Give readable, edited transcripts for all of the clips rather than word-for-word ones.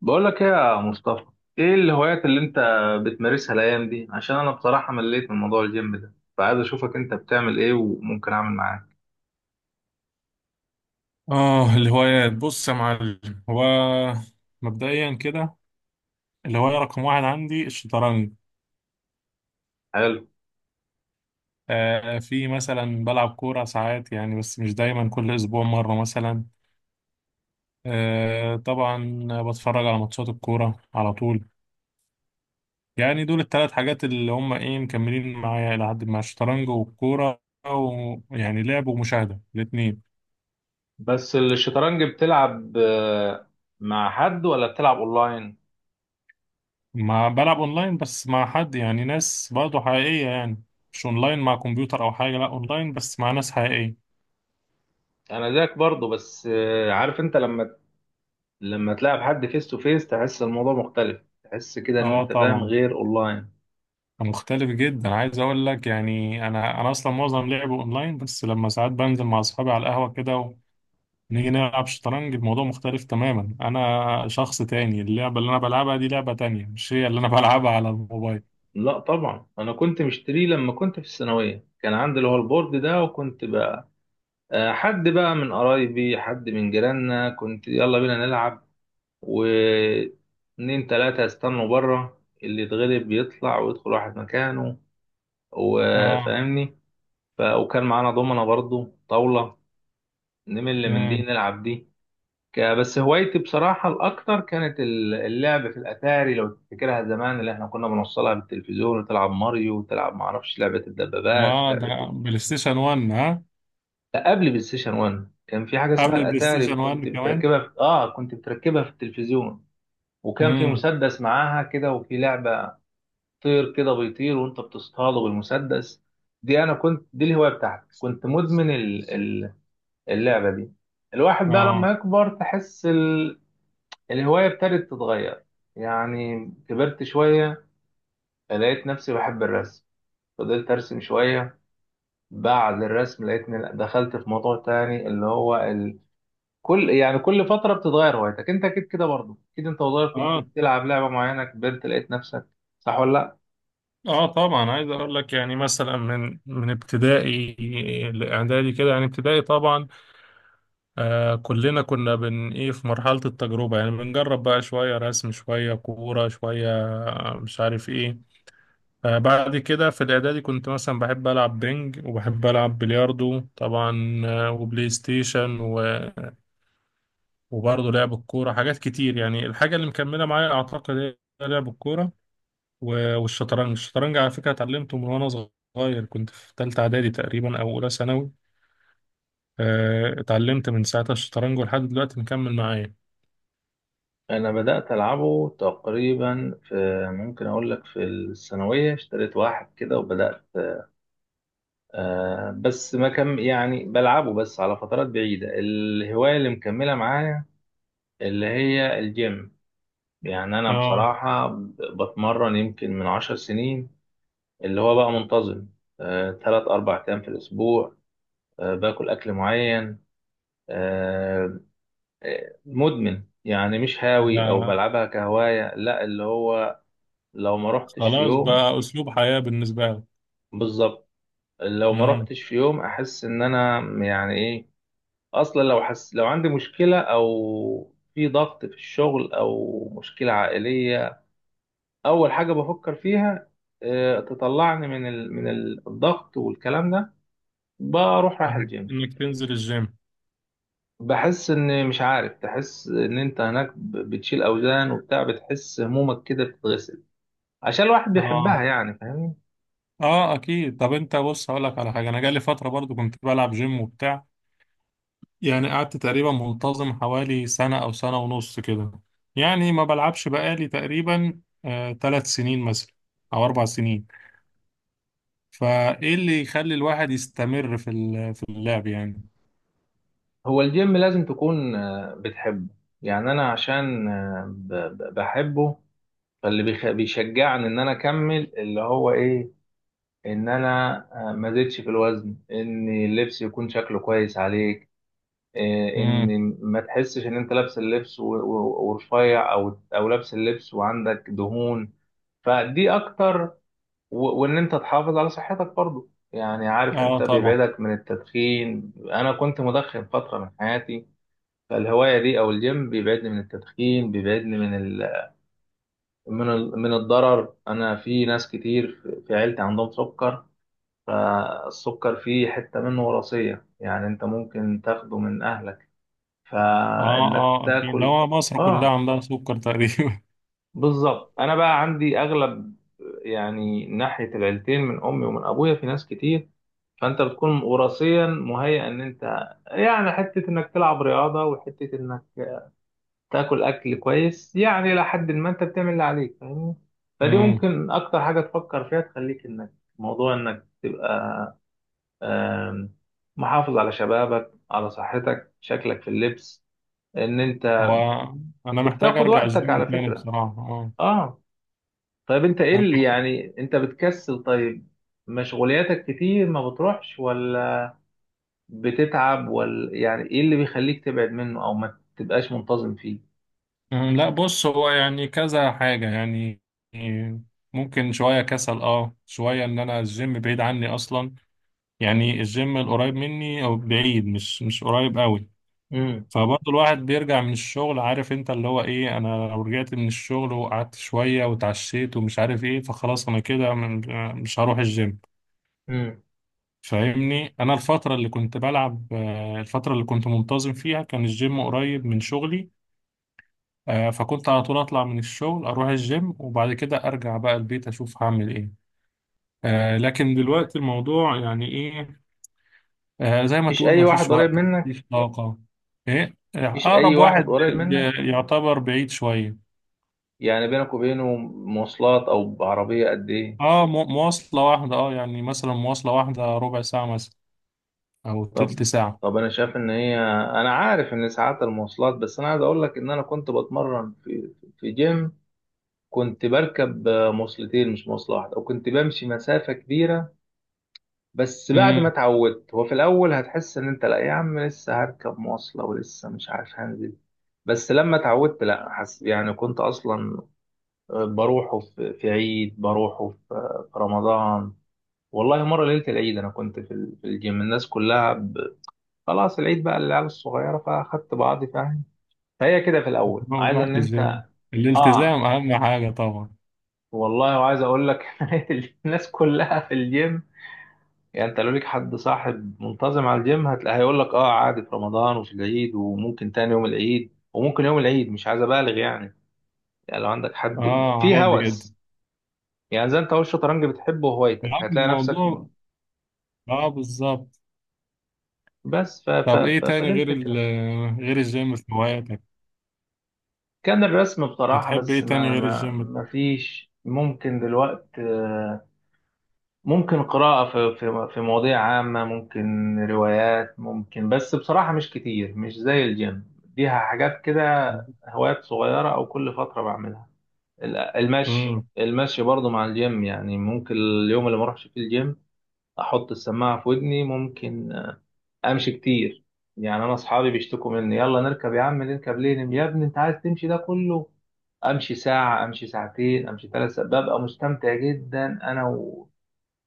بقول لك ايه يا مصطفى؟ ايه الهوايات اللي انت بتمارسها الايام دي؟ عشان انا بصراحة مليت من موضوع الجيم ده، فعايز اشوفك انت بتعمل ايه وممكن اعمل معاك. اه، الهوايات، بص يا معلم. هو مبدئيا كده، الهواية رقم واحد عندي الشطرنج. حلو. آه، في مثلا بلعب كورة ساعات يعني، بس مش دايما، كل أسبوع مرة مثلا. آه طبعا بتفرج على ماتشات الكورة على طول. يعني دول التلات حاجات اللي هم ايه مكملين معايا إلى حد ما، الشطرنج والكورة. ويعني لعب ومشاهدة الاتنين. بس الشطرنج بتلعب مع حد ولا بتلعب اونلاين؟ ما بلعب أونلاين بس مع حد، يعني ناس برضه حقيقية يعني، مش أونلاين مع كمبيوتر أو حاجة، لأ أونلاين بس مع ناس حقيقية. انا زيك برضه. بس عارف انت لما تلعب حد فيس تو فيس، تحس الموضوع مختلف، تحس كده ان اه انت فاهم طبعا. غير اونلاين. مختلف جدا، عايز اقول لك يعني انا اصلا معظم لعبه اونلاين، بس لما ساعات بنزل مع اصحابي على القهوه كده ونيجي نلعب شطرنج، الموضوع مختلف تماما، انا شخص تاني، اللعبه اللي انا بلعبها دي لعبه تانية، مش هي اللي انا بلعبها على الموبايل. لا طبعا، انا كنت مشتريه لما كنت في الثانوية، كان عندي اللي هو البورد ده، وكنت حد بقى من قرايبي، حد من جيراننا، كنت يلا بينا نلعب. واتنين تلاتة يستنوا بره، اللي يتغلب بيطلع ويدخل واحد مكانه، اه. وفاهمني. وكان معانا دومنا برضو طاولة، نمل من دي امم. نلعب دي. بس هوايتي بصراحة الأكتر كانت اللعب في الأتاري، لو تفتكرها زمان، اللي احنا كنا بنوصلها بالتلفزيون وتلعب ماريو وتلعب معرفش لعبة الدبابات، اه، ده لعبة. بلاي ستيشن 1 ها؟ لا، قبل بلاي ستيشن 1 كان في حاجه اسمها قبل البلاي الاتاري، ستيشن 1 كنت كمان. بتركبها في... اه كنت بتركبها في التلفزيون. وكان في امم. مسدس معاها كده وفي لعبه، طير كده بيطير وانت بتصطاده بالمسدس. دي انا كنت، دي الهوايه بتاعتي، كنت مدمن اللعبه دي. الواحد بقى لما اه. يكبر تحس الهوايه ابتدت تتغير. يعني كبرت شويه، لقيت نفسي بحب الرسم، فضلت ارسم شويه. بعد الرسم لقيتني دخلت في موضوع تاني اللي هو كل فترة بتتغير هوايتك. انت اكيد كده برضه، اكيد انت وصغير كنت اه. بتلعب لعبة معينة، كبرت لقيت نفسك، صح ولا لا؟ اه طبعا، عايز اقول لك يعني مثلا من ابتدائي لاعدادي كده، يعني ابتدائي طبعا. آه، كلنا كنا بن ايه في مرحلة التجربة، يعني بنجرب بقى شوية رسم شوية كورة شوية، آه، مش عارف ايه. آه، بعد كده في الإعدادي كنت مثلا بحب ألعب بينج وبحب ألعب بلياردو طبعا، آه، وبلاي ستيشن و... وبرضه لعب الكورة، حاجات كتير يعني. الحاجة اللي مكملة معايا أعتقد هي لعب الكورة و- والشطرنج. الشطرنج على فكرة اتعلمته من وأنا صغير، كنت في تالتة إعدادي تقريبا أو أولى ثانوي. آه، اتعلمت من ساعتها الشطرنج ولحد دلوقتي مكمل معايا. انا بدات العبه تقريبا ممكن اقول لك في الثانويه، اشتريت واحد كده وبدات. بس ما كان يعني بلعبه بس على فترات بعيده. الهوايه اللي مكمله معايا اللي هي الجيم. يعني انا اه. بصراحه بتمرن يمكن من 10 سنين، اللي هو بقى منتظم، تلات اربع ايام في الاسبوع، باكل اكل معين. آه، مدمن يعني، مش هاوي او ده بلعبها كهواية، لا اللي هو لو ما رحتش في خلاص يوم. بقى أسلوب حياة بالنسبة لك. بالظبط، لو ما مم. رحتش في يوم احس ان انا يعني ايه. اصلا لو عندي مشكلة او في ضغط في الشغل او مشكلة عائلية، اول حاجة بفكر فيها تطلعني من الضغط والكلام ده، بروح رايح إنك الجيم. إنك تنزل الجيم. بحس ان مش عارف، تحس ان انت هناك بتشيل اوزان وبتاع، بتحس همومك كده بتتغسل، عشان الواحد بيحبها آه، يعني، فاهمني. آه أكيد. طب أنت بص، هقول لك على حاجة، أنا جالي فترة برضو كنت بلعب جيم وبتاع، يعني قعدت تقريبا منتظم حوالي سنة أو سنة ونص كده. يعني ما بلعبش بقالي تقريبا آه ثلاث سنين مثلا أو أربع سنين. فإيه اللي يخلي الواحد يستمر في في اللعب يعني؟ هو الجيم لازم تكون بتحبه. يعني انا عشان بحبه، فاللي بيشجعني ان انا اكمل اللي هو ايه، ان انا ما زدتش في الوزن، ان اللبس يكون شكله كويس عليك، مم. ان ما تحسش ان انت لابس اللبس ورفيع، او لابس اللبس وعندك دهون، فدي اكتر. وان انت تحافظ على صحتك برضو، يعني عارف آه انت طبعا. بيبعدك من التدخين. انا كنت مدخن فترة من حياتي، فالهواية دي او الجيم بيبعدني من التدخين، بيبعدني من الضرر. انا في ناس كتير في عيلتي عندهم سكر، فالسكر فيه حتة منه وراثية، يعني انت ممكن تاخده من اهلك، آه، فانك آه أكيد. ده تاكل. هو مصر كلها اه، عندها سكر تقريبا. بالظبط. انا بقى عندي اغلب، يعني ناحية العيلتين من امي ومن ابويا في ناس كتير، فانت بتكون وراثيا مهيئ ان انت، يعني حته انك تلعب رياضه، وحته انك تاكل اكل كويس، يعني الى حد ما انت بتعمل اللي عليك، فاهمني. فدي ممكن اكتر حاجه تفكر فيها، تخليك انك، موضوع انك تبقى آم، محافظ على شبابك، على صحتك، شكلك في اللبس، ان انت هو انا محتاج وبتاخد ارجع وقتك الجيم على تاني فكره. بصراحه، اه. اه. طيب انت ايه اللي أنا- يعني انت بتكسل؟ طيب، مشغولياتك كتير ما بتروحش، ولا بتتعب، ولا يعني ايه اللي بيخليك تبعد منه او ما تبقاش منتظم فيه؟ أه، لا بص، هو يعني كذا حاجه يعني، ممكن شويه كسل، اه شويه ان انا الجيم بعيد عني اصلا، يعني الجيم القريب مني او بعيد، مش مش قريب قوي. امم. فبرضه الواحد بيرجع من الشغل، عارف انت اللي هو ايه، انا لو رجعت من الشغل وقعدت شويه وتعشيت ومش عارف ايه، فخلاص انا كده مش هروح الجيم. امم. فاهمني، انا الفتره اللي كنت بلعب آه، الفتره اللي كنت منتظم فيها كان الجيم قريب من شغلي. آه، فكنت على طول اطلع من الشغل اروح الجيم وبعد كده ارجع بقى البيت اشوف هعمل ايه. آه، لكن دلوقتي الموضوع يعني ايه، آه، زي ما مفيش تقول، اي مفيش واحد قريب وقت. منك مفيش طاقه. ايه آه، مفيش اي اقرب واحد واحد قريب منك؟ يعتبر بعيد شويه. يعني بينك وبينه مواصلات او بعربية قد ايه؟ اه، مواصله واحده، اه يعني مثلا مواصله واحده ربع ساعه مثلا او طب تلت ساعه. طب انا شايف ان هي، انا عارف ان ساعات المواصلات، بس انا عايز اقول لك ان انا كنت بتمرن في جيم. كنت بركب مواصلتين، مش مواصلة واحدة، وكنت بمشي مسافة كبيرة. بس بعد ما امم. اتعودت، هو في الاول هتحس ان انت لا يا عم لسه هركب مواصله ولسه مش عارف هنزل. بس لما اتعودت لا، حس يعني كنت اصلا بروحه في عيد، بروحه في رمضان. والله، مره ليله العيد انا كنت في الجيم، الناس كلها خلاص العيد بقى للعيال الصغيره، فاخدت بعضي، فاهم. فهي كده في الاول عايز ان رحت انت. الجيم، اه الالتزام اهم حاجه طبعا. والله، وعايز اقول لك. الناس كلها في الجيم. يعني انت لو ليك حد صاحب منتظم على الجيم، هتلاقي هيقول لك اه عادي، في رمضان وفي العيد، وممكن تاني يوم العيد، وممكن يوم العيد، مش عايز ابالغ يعني لو عندك حد اه في عادي جدا. هوس، يعني زي انت، هو الشطرنج بتحبه وهوايتك، معاك في هتلاقي نفسك. الموضوع. اه بالظبط. بس ف ف طب ايه ف تاني فدي غير ال الفكرة. غير الجيم في هواياتك؟ كان الرسم بصراحة، بتحب ايه بس تاني ما غير ما الجيم؟ ما فيش ممكن دلوقتي. ممكن قراءة في مواضيع عامة، ممكن روايات، ممكن، بس بصراحة مش كتير، مش زي الجيم. دي حاجات كده، هوايات صغيرة، أو كل فترة بعملها. امم. المشي برضو مع الجيم، يعني ممكن اليوم اللي ما اروحش فيه الجيم، أحط السماعة في ودني، ممكن أمشي كتير. يعني أنا أصحابي بيشتكوا مني، يلا نركب يا عم، نركب ليه؟ يا ابني أنت عايز تمشي ده كله؟ امشي ساعه، امشي ساعتين، امشي 3 ساعات، ببقى مستمتع جدا انا.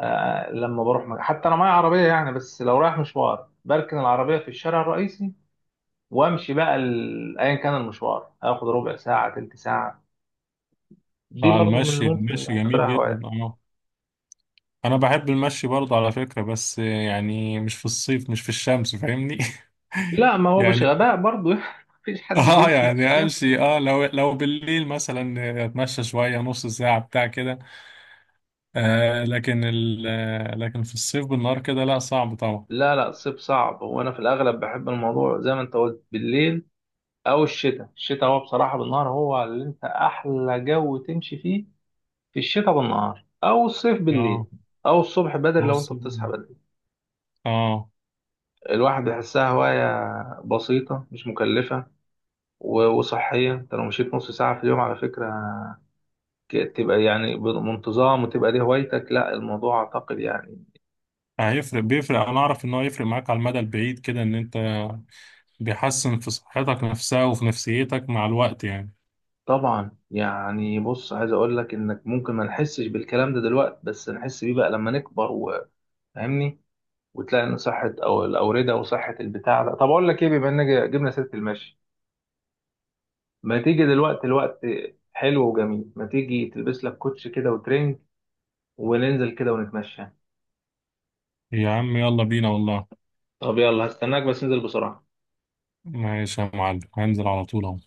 لما بروح حتى انا معايا عربيه يعني، بس لو رايح مشوار بركن العربيه في الشارع الرئيسي، وامشي بقى ايا كان المشوار اخد ربع ساعه، تلت ساعه. دي اه، برضو من اللي المشي. ممكن المشي جميل اعتبرها جدا هوايه. اه. انا بحب المشي برضه على فكرة، بس يعني مش في الصيف، مش في الشمس، فاهمني. لا ما هو مش يعني غباء برضو. مفيش حد اه، بيمشي في يعني الشمس. امشي اه، لو بالليل مثلا اتمشى شوية، نص ساعة بتاع كده. آه لكن ال آه، لكن في الصيف بالنهار كده، لا صعب طبعا. لا، لا. الصيف صعب، وانا في الاغلب بحب الموضوع زي ما انت قلت بالليل او الشتاء. الشتاء هو بصراحه بالنهار هو اللي انت احلى جو تمشي فيه، في الشتاء بالنهار او الصيف اه. بالليل، او الصبح بدري هو لو انت الصيف. بتصحى بدري. اه. الواحد يحسها هواية بسيطة، مش مكلفة وصحية. انت لو مشيت نص ساعة في اليوم على فكرة، تبقى يعني بانتظام، وتبقى دي هوايتك، لا الموضوع اعتقد يعني. هيفرق، بيفرق. انا اعرف ان هو يفرق معاك على المدى البعيد كده، ان انت بيحسن في صحتك نفسها وفي نفسيتك مع الوقت يعني. طبعا، يعني بص، عايز اقول لك انك ممكن ما نحسش بالكلام ده دلوقتي، بس نحس بيه بقى لما نكبر، وفاهمني. وتلاقي ان صحة او الاوردة وصحة البتاع ده. طب اقول لك ايه، بما ان جبنا سيرة المشي، ما تيجي دلوقتي الوقت حلو وجميل، ما تيجي تلبس لك كوتش كده وترنج، وننزل كده ونتمشى. يا عم يلا بينا والله. طب يلا، هستناك بس انزل بسرعة. ماشي يا معلم، هنزل على طول اهو.